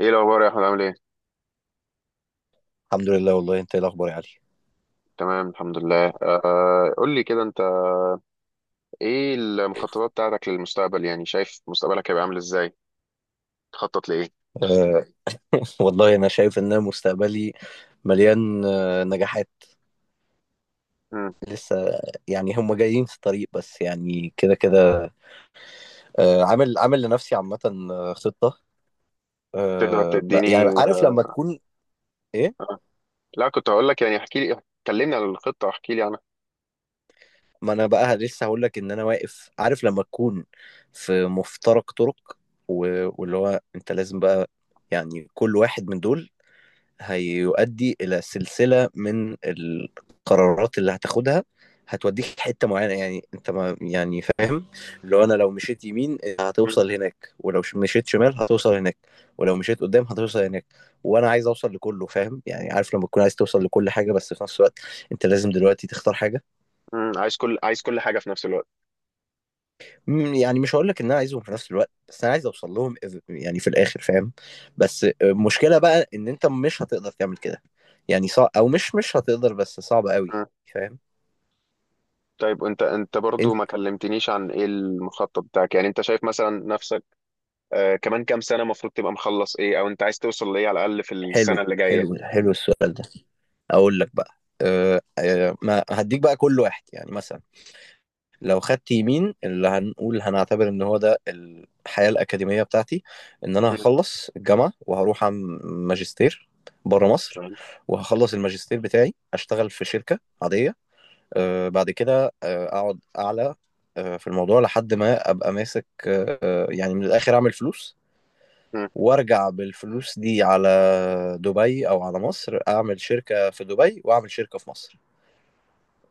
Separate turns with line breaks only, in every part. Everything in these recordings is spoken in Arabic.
ايه الاخبار يا احمد؟ عامل ايه؟
الحمد لله، والله انت ايه الاخبار يا علي؟
تمام الحمد لله. قول لي كده، انت ايه المخططات بتاعتك للمستقبل؟ يعني شايف مستقبلك هيبقى عامل ازاي؟ تخطط لايه؟
أه والله انا شايف ان مستقبلي مليان نجاحات
مم.
لسه، يعني هم جايين في الطريق، بس يعني كده كده. عامل لنفسي عامه خطه.
تقدر
يعني
تديني؟
عارف لما تكون ايه.
لا، كنت هقول لك يعني احكي لي، كلمني عن الخطه واحكي لي عنها.
ما انا بقى لسه هقول لك ان انا واقف، عارف لما تكون في مفترق طرق. واللي هو انت لازم بقى يعني كل واحد من دول هيؤدي الى سلسله من القرارات اللي هتاخدها، هتوديك حته معينه يعني، انت ما يعني فاهم. لو انا، لو مشيت يمين
مم.
هتوصل هناك، ولو مشيت شمال هتوصل هناك، ولو مشيت قدام هتوصل هناك، وانا عايز اوصل لكله فاهم يعني، عارف لما تكون عايز توصل لكل حاجه بس في نفس الوقت انت لازم دلوقتي تختار حاجه.
مم. عايز كل حاجه في نفس الوقت.
يعني مش هقول لك ان انا عايزهم في نفس الوقت، بس انا عايز اوصل لهم يعني في الاخر فاهم. بس المشكله بقى ان انت مش هتقدر تعمل كده، يعني صعب، او مش هتقدر، بس صعب قوي.
مم.
فاهم
طيب وانت برضو
انت.
ما كلمتنيش عن ايه المخطط بتاعك؟ يعني انت شايف مثلا نفسك كمان كام سنه المفروض تبقى مخلص ايه، او انت عايز توصل لايه على الاقل في
حلو
السنه اللي جايه؟
حلو حلو السؤال ده. اقول لك بقى، أه أه ما هديك بقى كل واحد، يعني مثلا لو خدت يمين، اللي هنقول هنعتبر ان هو ده الحياة الأكاديمية بتاعتي، ان انا
مم.
هخلص الجامعة وهروح اعمل ماجستير بره مصر، وهخلص الماجستير بتاعي اشتغل في شركة عادية، بعد كده اقعد اعلى في الموضوع لحد ما ابقى ماسك، يعني من الاخر اعمل فلوس،
مم.
وارجع بالفلوس دي على دبي او على مصر، اعمل شركة في دبي واعمل شركة في مصر،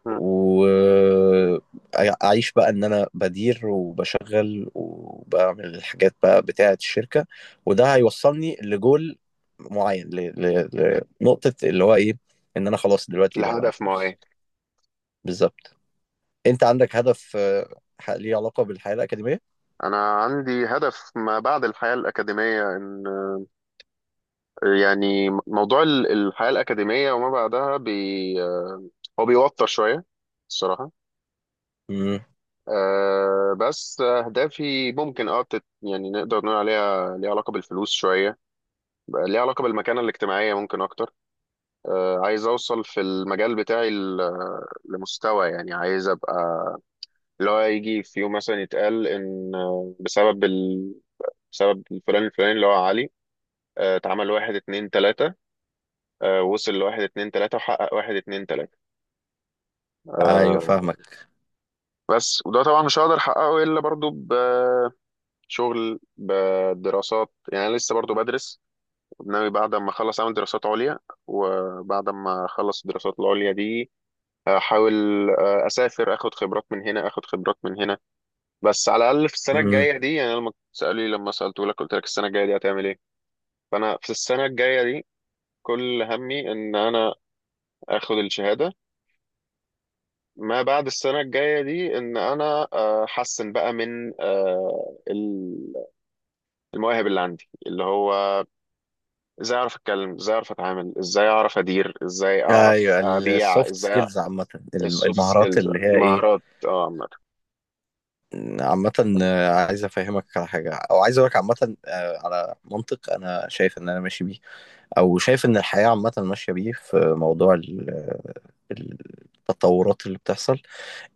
مم.
واعيش بقى ان انا بدير وبشغل وبعمل الحاجات بقى بتاعة الشركة، وده هيوصلني لجول معين، ل... لنقطة اللي هو ايه، ان انا خلاص دلوقتي بقى معايا
الهدف ما هو
فلوس.
ايه؟
بالظبط. انت عندك هدف ليه علاقة بالحياة الأكاديمية؟
أنا عندي هدف ما بعد الحياة الأكاديمية. يعني موضوع الحياة الأكاديمية وما بعدها بي، هو بيوتر شوية الصراحة.
امم
بس أهدافي ممكن يعني نقدر نقول عليها ليها علاقة بالفلوس شوية، بقى ليها علاقة بالمكانة الاجتماعية ممكن أكتر. عايز أوصل في المجال بتاعي لمستوى، يعني عايز أبقى اللي هو يجي في يوم مثلا يتقال إن بسبب الفلان الفلاني اللي هو علي، اتعمل واحد اتنين تلاتة، وصل لواحد اتنين تلاتة وحقق واحد اتنين تلاتة.
ايوه
آه،
فاهمك.
بس وده طبعا مش هقدر أحققه إلا برضو بشغل بدراسات. يعني أنا لسه برضو بدرس، ناوي بعد ما أخلص أعمل دراسات عليا، وبعد ما أخلص الدراسات العليا دي أحاول أسافر أخد خبرات من هنا أخد خبرات من هنا. بس على الأقل في السنة
امم
الجاية دي، يعني أنا لما سألوني لما سألتهولك قلت لك السنة الجاية دي هتعمل إيه، فأنا في السنة الجاية دي كل همي إن أنا آخد الشهادة. ما بعد السنة الجاية دي إن أنا أحسن بقى من المواهب اللي عندي، اللي هو إزاي أعرف أتكلم، إزاي أعرف أتعامل، إزاي أعرف أدير، إزاي أعرف
ايوه
أبيع
السوفت
إزاي.
سكيلز عامة،
السوفت
المهارات
سكيلز،
اللي هي ايه
المهارات اه عامة.
عامة. عايز أفهمك على حاجة، أو عايز أقولك عامة على منطق أنا شايف إن أنا ماشي بيه، أو شايف إن الحياة عامة ماشية بيه، في موضوع ال- التطورات اللي بتحصل،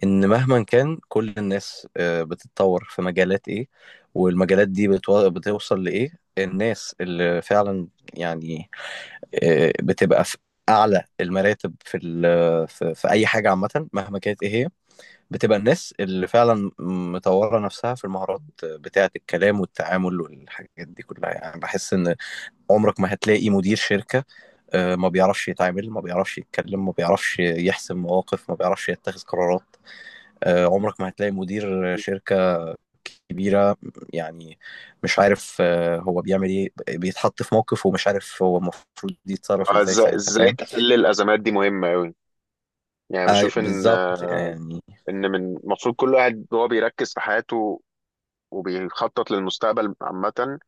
إن مهما كان كل الناس بتتطور في مجالات إيه، والمجالات دي بتوصل لإيه. الناس اللي فعلا يعني بتبقى في أعلى المراتب في في أي حاجة عامة مهما كانت إيه هي، بتبقى الناس اللي فعلا مطورة نفسها في المهارات بتاعة الكلام والتعامل والحاجات دي كلها. يعني بحس إن عمرك ما هتلاقي مدير شركة ما بيعرفش يتعامل، ما بيعرفش يتكلم، ما بيعرفش يحسم مواقف، ما بيعرفش يتخذ قرارات. عمرك ما هتلاقي مدير شركة كبيرة يعني مش عارف هو بيعمل ايه، بيتحط في موقف ومش عارف هو المفروض يتصرف ازاي
إزاي
ساعتها
إزاي
فاهم.
تحل الأزمات دي مهمة أوي. يعني بشوف إن
بالظبط يعني.
إن من المفروض كل واحد وهو بيركز في حياته وبيخطط للمستقبل عامة،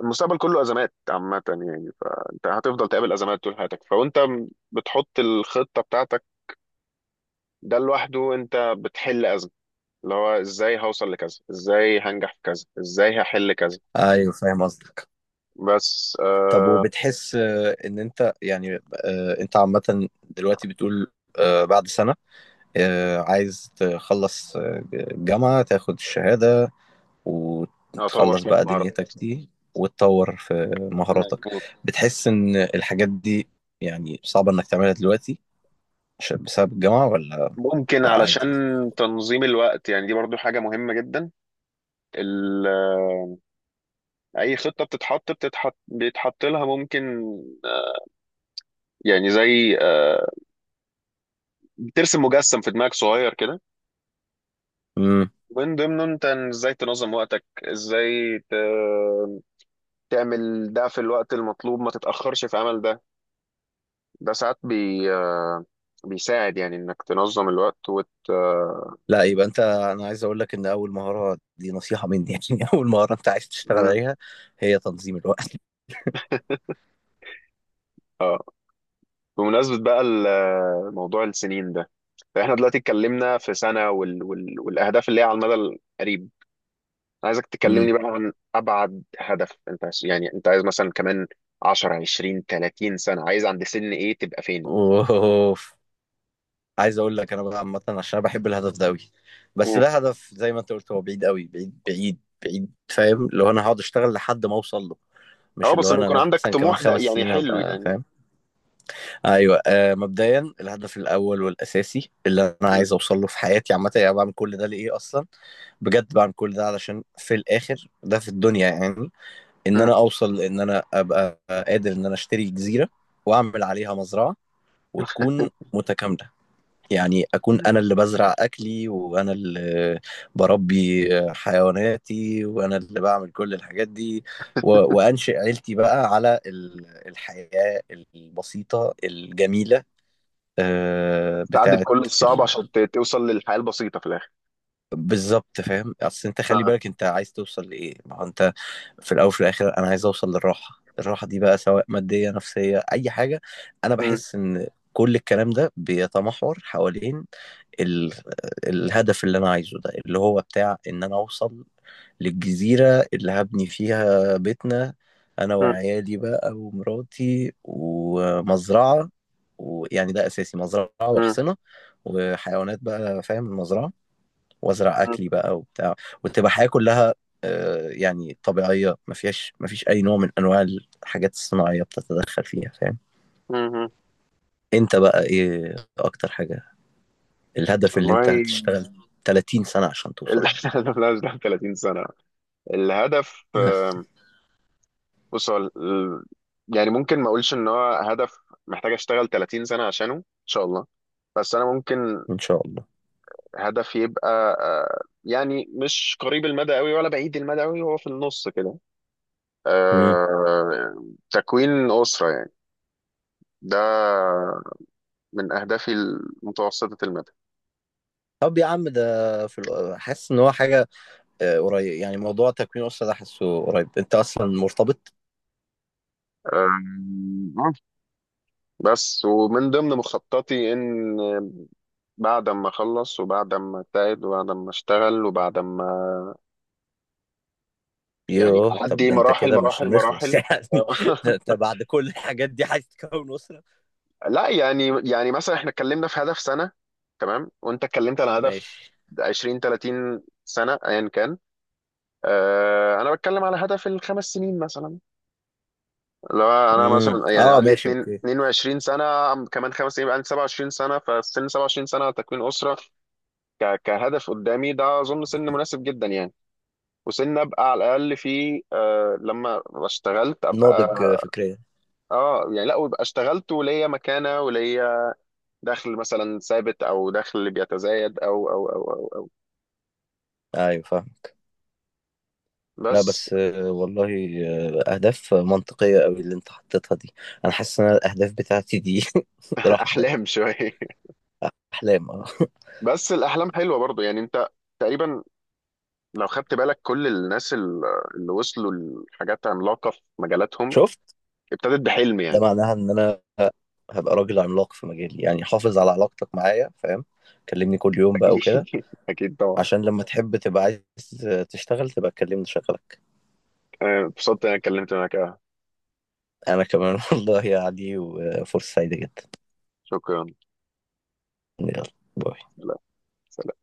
المستقبل كله ازمات عامه. يعني فانت هتفضل تقابل ازمات طول حياتك، بتحط الخطه بتاعتك، ده لوحده انت بتحل ازمه، اللي هو ازاي هوصل لكذا، ازاي هنجح في كذا، ازاي هحل كذا.
ايوه فاهم قصدك.
بس
طب
آه،
وبتحس ان انت يعني انت عامة دلوقتي بتقول بعد سنة عايز تخلص الجامعة، تاخد الشهادة
اطور
وتخلص
شويه
بقى
مهارات.
دنيتك دي وتطور في مهاراتك.
مظبوط.
بتحس ان الحاجات دي يعني صعبة انك تعملها دلوقتي بسبب الجامعة ولا؟
ممكن
لا
علشان
عادي.
تنظيم الوقت، يعني دي برضو حاجه مهمه جدا. ال- آه، اي خطه بتتحط بتتحط بيتحط لها ممكن آه، يعني زي بترسم مجسم في دماغك صغير كده،
امم
ومن ضمنه انت ازاي تنظم وقتك، ازاي تعمل ده في الوقت المطلوب ما تتأخرش في عمل ده. ده ساعات بي... آه، بيساعد يعني انك تنظم الوقت وت... آه،
لا يبقى انت، انا عايز اقول لك ان اول مهارة دي نصيحة مني يعني اول مهارة انت عايز تشتغل
مم.
عليها هي تنظيم الوقت.
اه، بمناسبة بقى موضوع السنين ده، احنا دلوقتي اتكلمنا في سنة والاهداف اللي هي على المدى القريب. عايزك
امم
تكلمني بقى عن ابعد هدف انت يعني انت عايز مثلا كمان 10 20 30 سنة، عايز عند سن ايه تبقى فين؟
اوف. عايز اقول لك انا بقى عامه، عشان انا بحب الهدف ده قوي، بس ده هدف زي ما انت قلت هو بعيد قوي، بعيد بعيد بعيد فاهم، اللي هو انا هقعد اشتغل لحد ما اوصل له، مش
اه،
اللي
بس
هو
ان
انا
يكون عندك
مثلا كمان
طموح ده
خمس
يعني
سنين
حلو
هبقى
يعني.
فاهم. ايوه مبدئيا الهدف الاول والاساسي اللي انا
مم.
عايز اوصل له في حياتي عامه، يعني بعمل كل ده لايه اصلا؟ بجد بعمل كل ده علشان في الاخر ده في الدنيا يعني، ان
مم.
انا اوصل ان انا ابقى قادر ان انا اشتري جزيره واعمل عليها مزرعه وتكون متكامله، يعني أكون أنا اللي بزرع أكلي، وأنا اللي بربي حيواناتي، وأنا اللي بعمل كل الحاجات دي، وأنشئ عيلتي بقى على الحياة البسيطة الجميلة
تعدي
بتاعت
بكل الصعب
ال...
عشان توصل للحياة البسيطة في الآخر.
بالظبط. فاهم، أصل أنت خلي
اه.
بالك أنت عايز توصل لإيه، ما هو أنت في الأول وفي الآخر أنا عايز أوصل للراحة. الراحة دي بقى سواء مادية، نفسية، أي حاجة. أنا
مم.
بحس إن كل الكلام ده بيتمحور حوالين ال... الهدف اللي انا عايزه ده، اللي هو بتاع ان انا اوصل للجزيرة اللي هبني فيها بيتنا، انا
مم.
وعيالي بقى ومراتي ومزرعة. ويعني ده اساسي، مزرعة
مم.
وحصنة وحيوانات بقى فاهم، المزرعة وازرع اكلي بقى وبتاع، وتبقى حياة كلها يعني طبيعية، ما فيش اي نوع من انواع الحاجات الصناعية بتتدخل فيها فاهم.
مم. مم.
انت بقى ايه اكتر حاجة، الهدف اللي انت
والله
هتشتغل 30 سنة عشان
ال-
توصل؟
لا، مش ده 30 سنة الهدف.
لا
بص هو يعني ممكن ما اقولش ان هو هدف محتاج اشتغل 30 سنة عشانه ان شاء الله، بس انا ممكن
ان شاء الله.
هدف يبقى يعني مش قريب المدى قوي ولا بعيد المدى قوي، هو في النص كده.
امم
آه، تكوين أسرة يعني. ده من أهدافي المتوسطة المدى.
طب يا عم ده، في حاسس ان هو حاجه قريب؟ يعني موضوع تكوين اسره ده حاسه قريب، انت اصلا مرتبط؟
أم، آه، بس ومن ضمن مخططي إن بعد ما أخلص وبعد ما أجتهد وبعد ما أشتغل وبعد ما يعني
يوه طب
أعدي
ده انت
مراحل
كده مش
مراحل
هنخلص
مراحل.
يعني، ده انت بعد كل الحاجات دي عايز تكون اسره.
لا يعني مثلا إحنا اتكلمنا في هدف سنة تمام، وأنت اتكلمت على هدف
ماشي.
20 30 سنة أيا كان. أنا بتكلم على هدف الخمس سنين مثلا، اللي هو انا مثلا يعني
اه
عندي
ماشي
2
اوكي.
22 سنه، كمان 5 سنين يبقى عندي 27 سنه. فسن 27 سنه تكوين اسره كهدف قدامي ده اظن سن مناسب جدا يعني. وسن ابقى على الاقل فيه آه لما اشتغلت ابقى
ناضج فكريا.
اه يعني، لا ويبقى اشتغلت وليا مكانه وليا دخل مثلا ثابت او دخل بيتزايد أو.
ايوه فاهمك. لا
بس.
بس والله اهداف منطقيه قوي اللي انت حطيتها دي. انا حاسس ان أنا الاهداف بتاعتي دي راح في ده،
احلام شويه.
احلام اه.
بس الاحلام حلوه برضو يعني، انت تقريبا لو خدت بالك كل الناس اللي وصلوا لحاجات عملاقة في مجالاتهم
شفت
ابتدت بحلم
ده
يعني.
معناها ان انا هبقى راجل عملاق في مجالي، يعني حافظ على علاقتك معايا فاهم، كلمني كل يوم بقى وكده،
أكيد، أكيد طبعا.
عشان لما تحب تبقى عايز تشتغل تبقى تكلمني شغلك.
أنا اتبسطت إن أنا اتكلمت معاك.
انا كمان والله يا علي، وفرصة سعيدة جدا.
شكرا.
يلا. باي.
لا، سلام.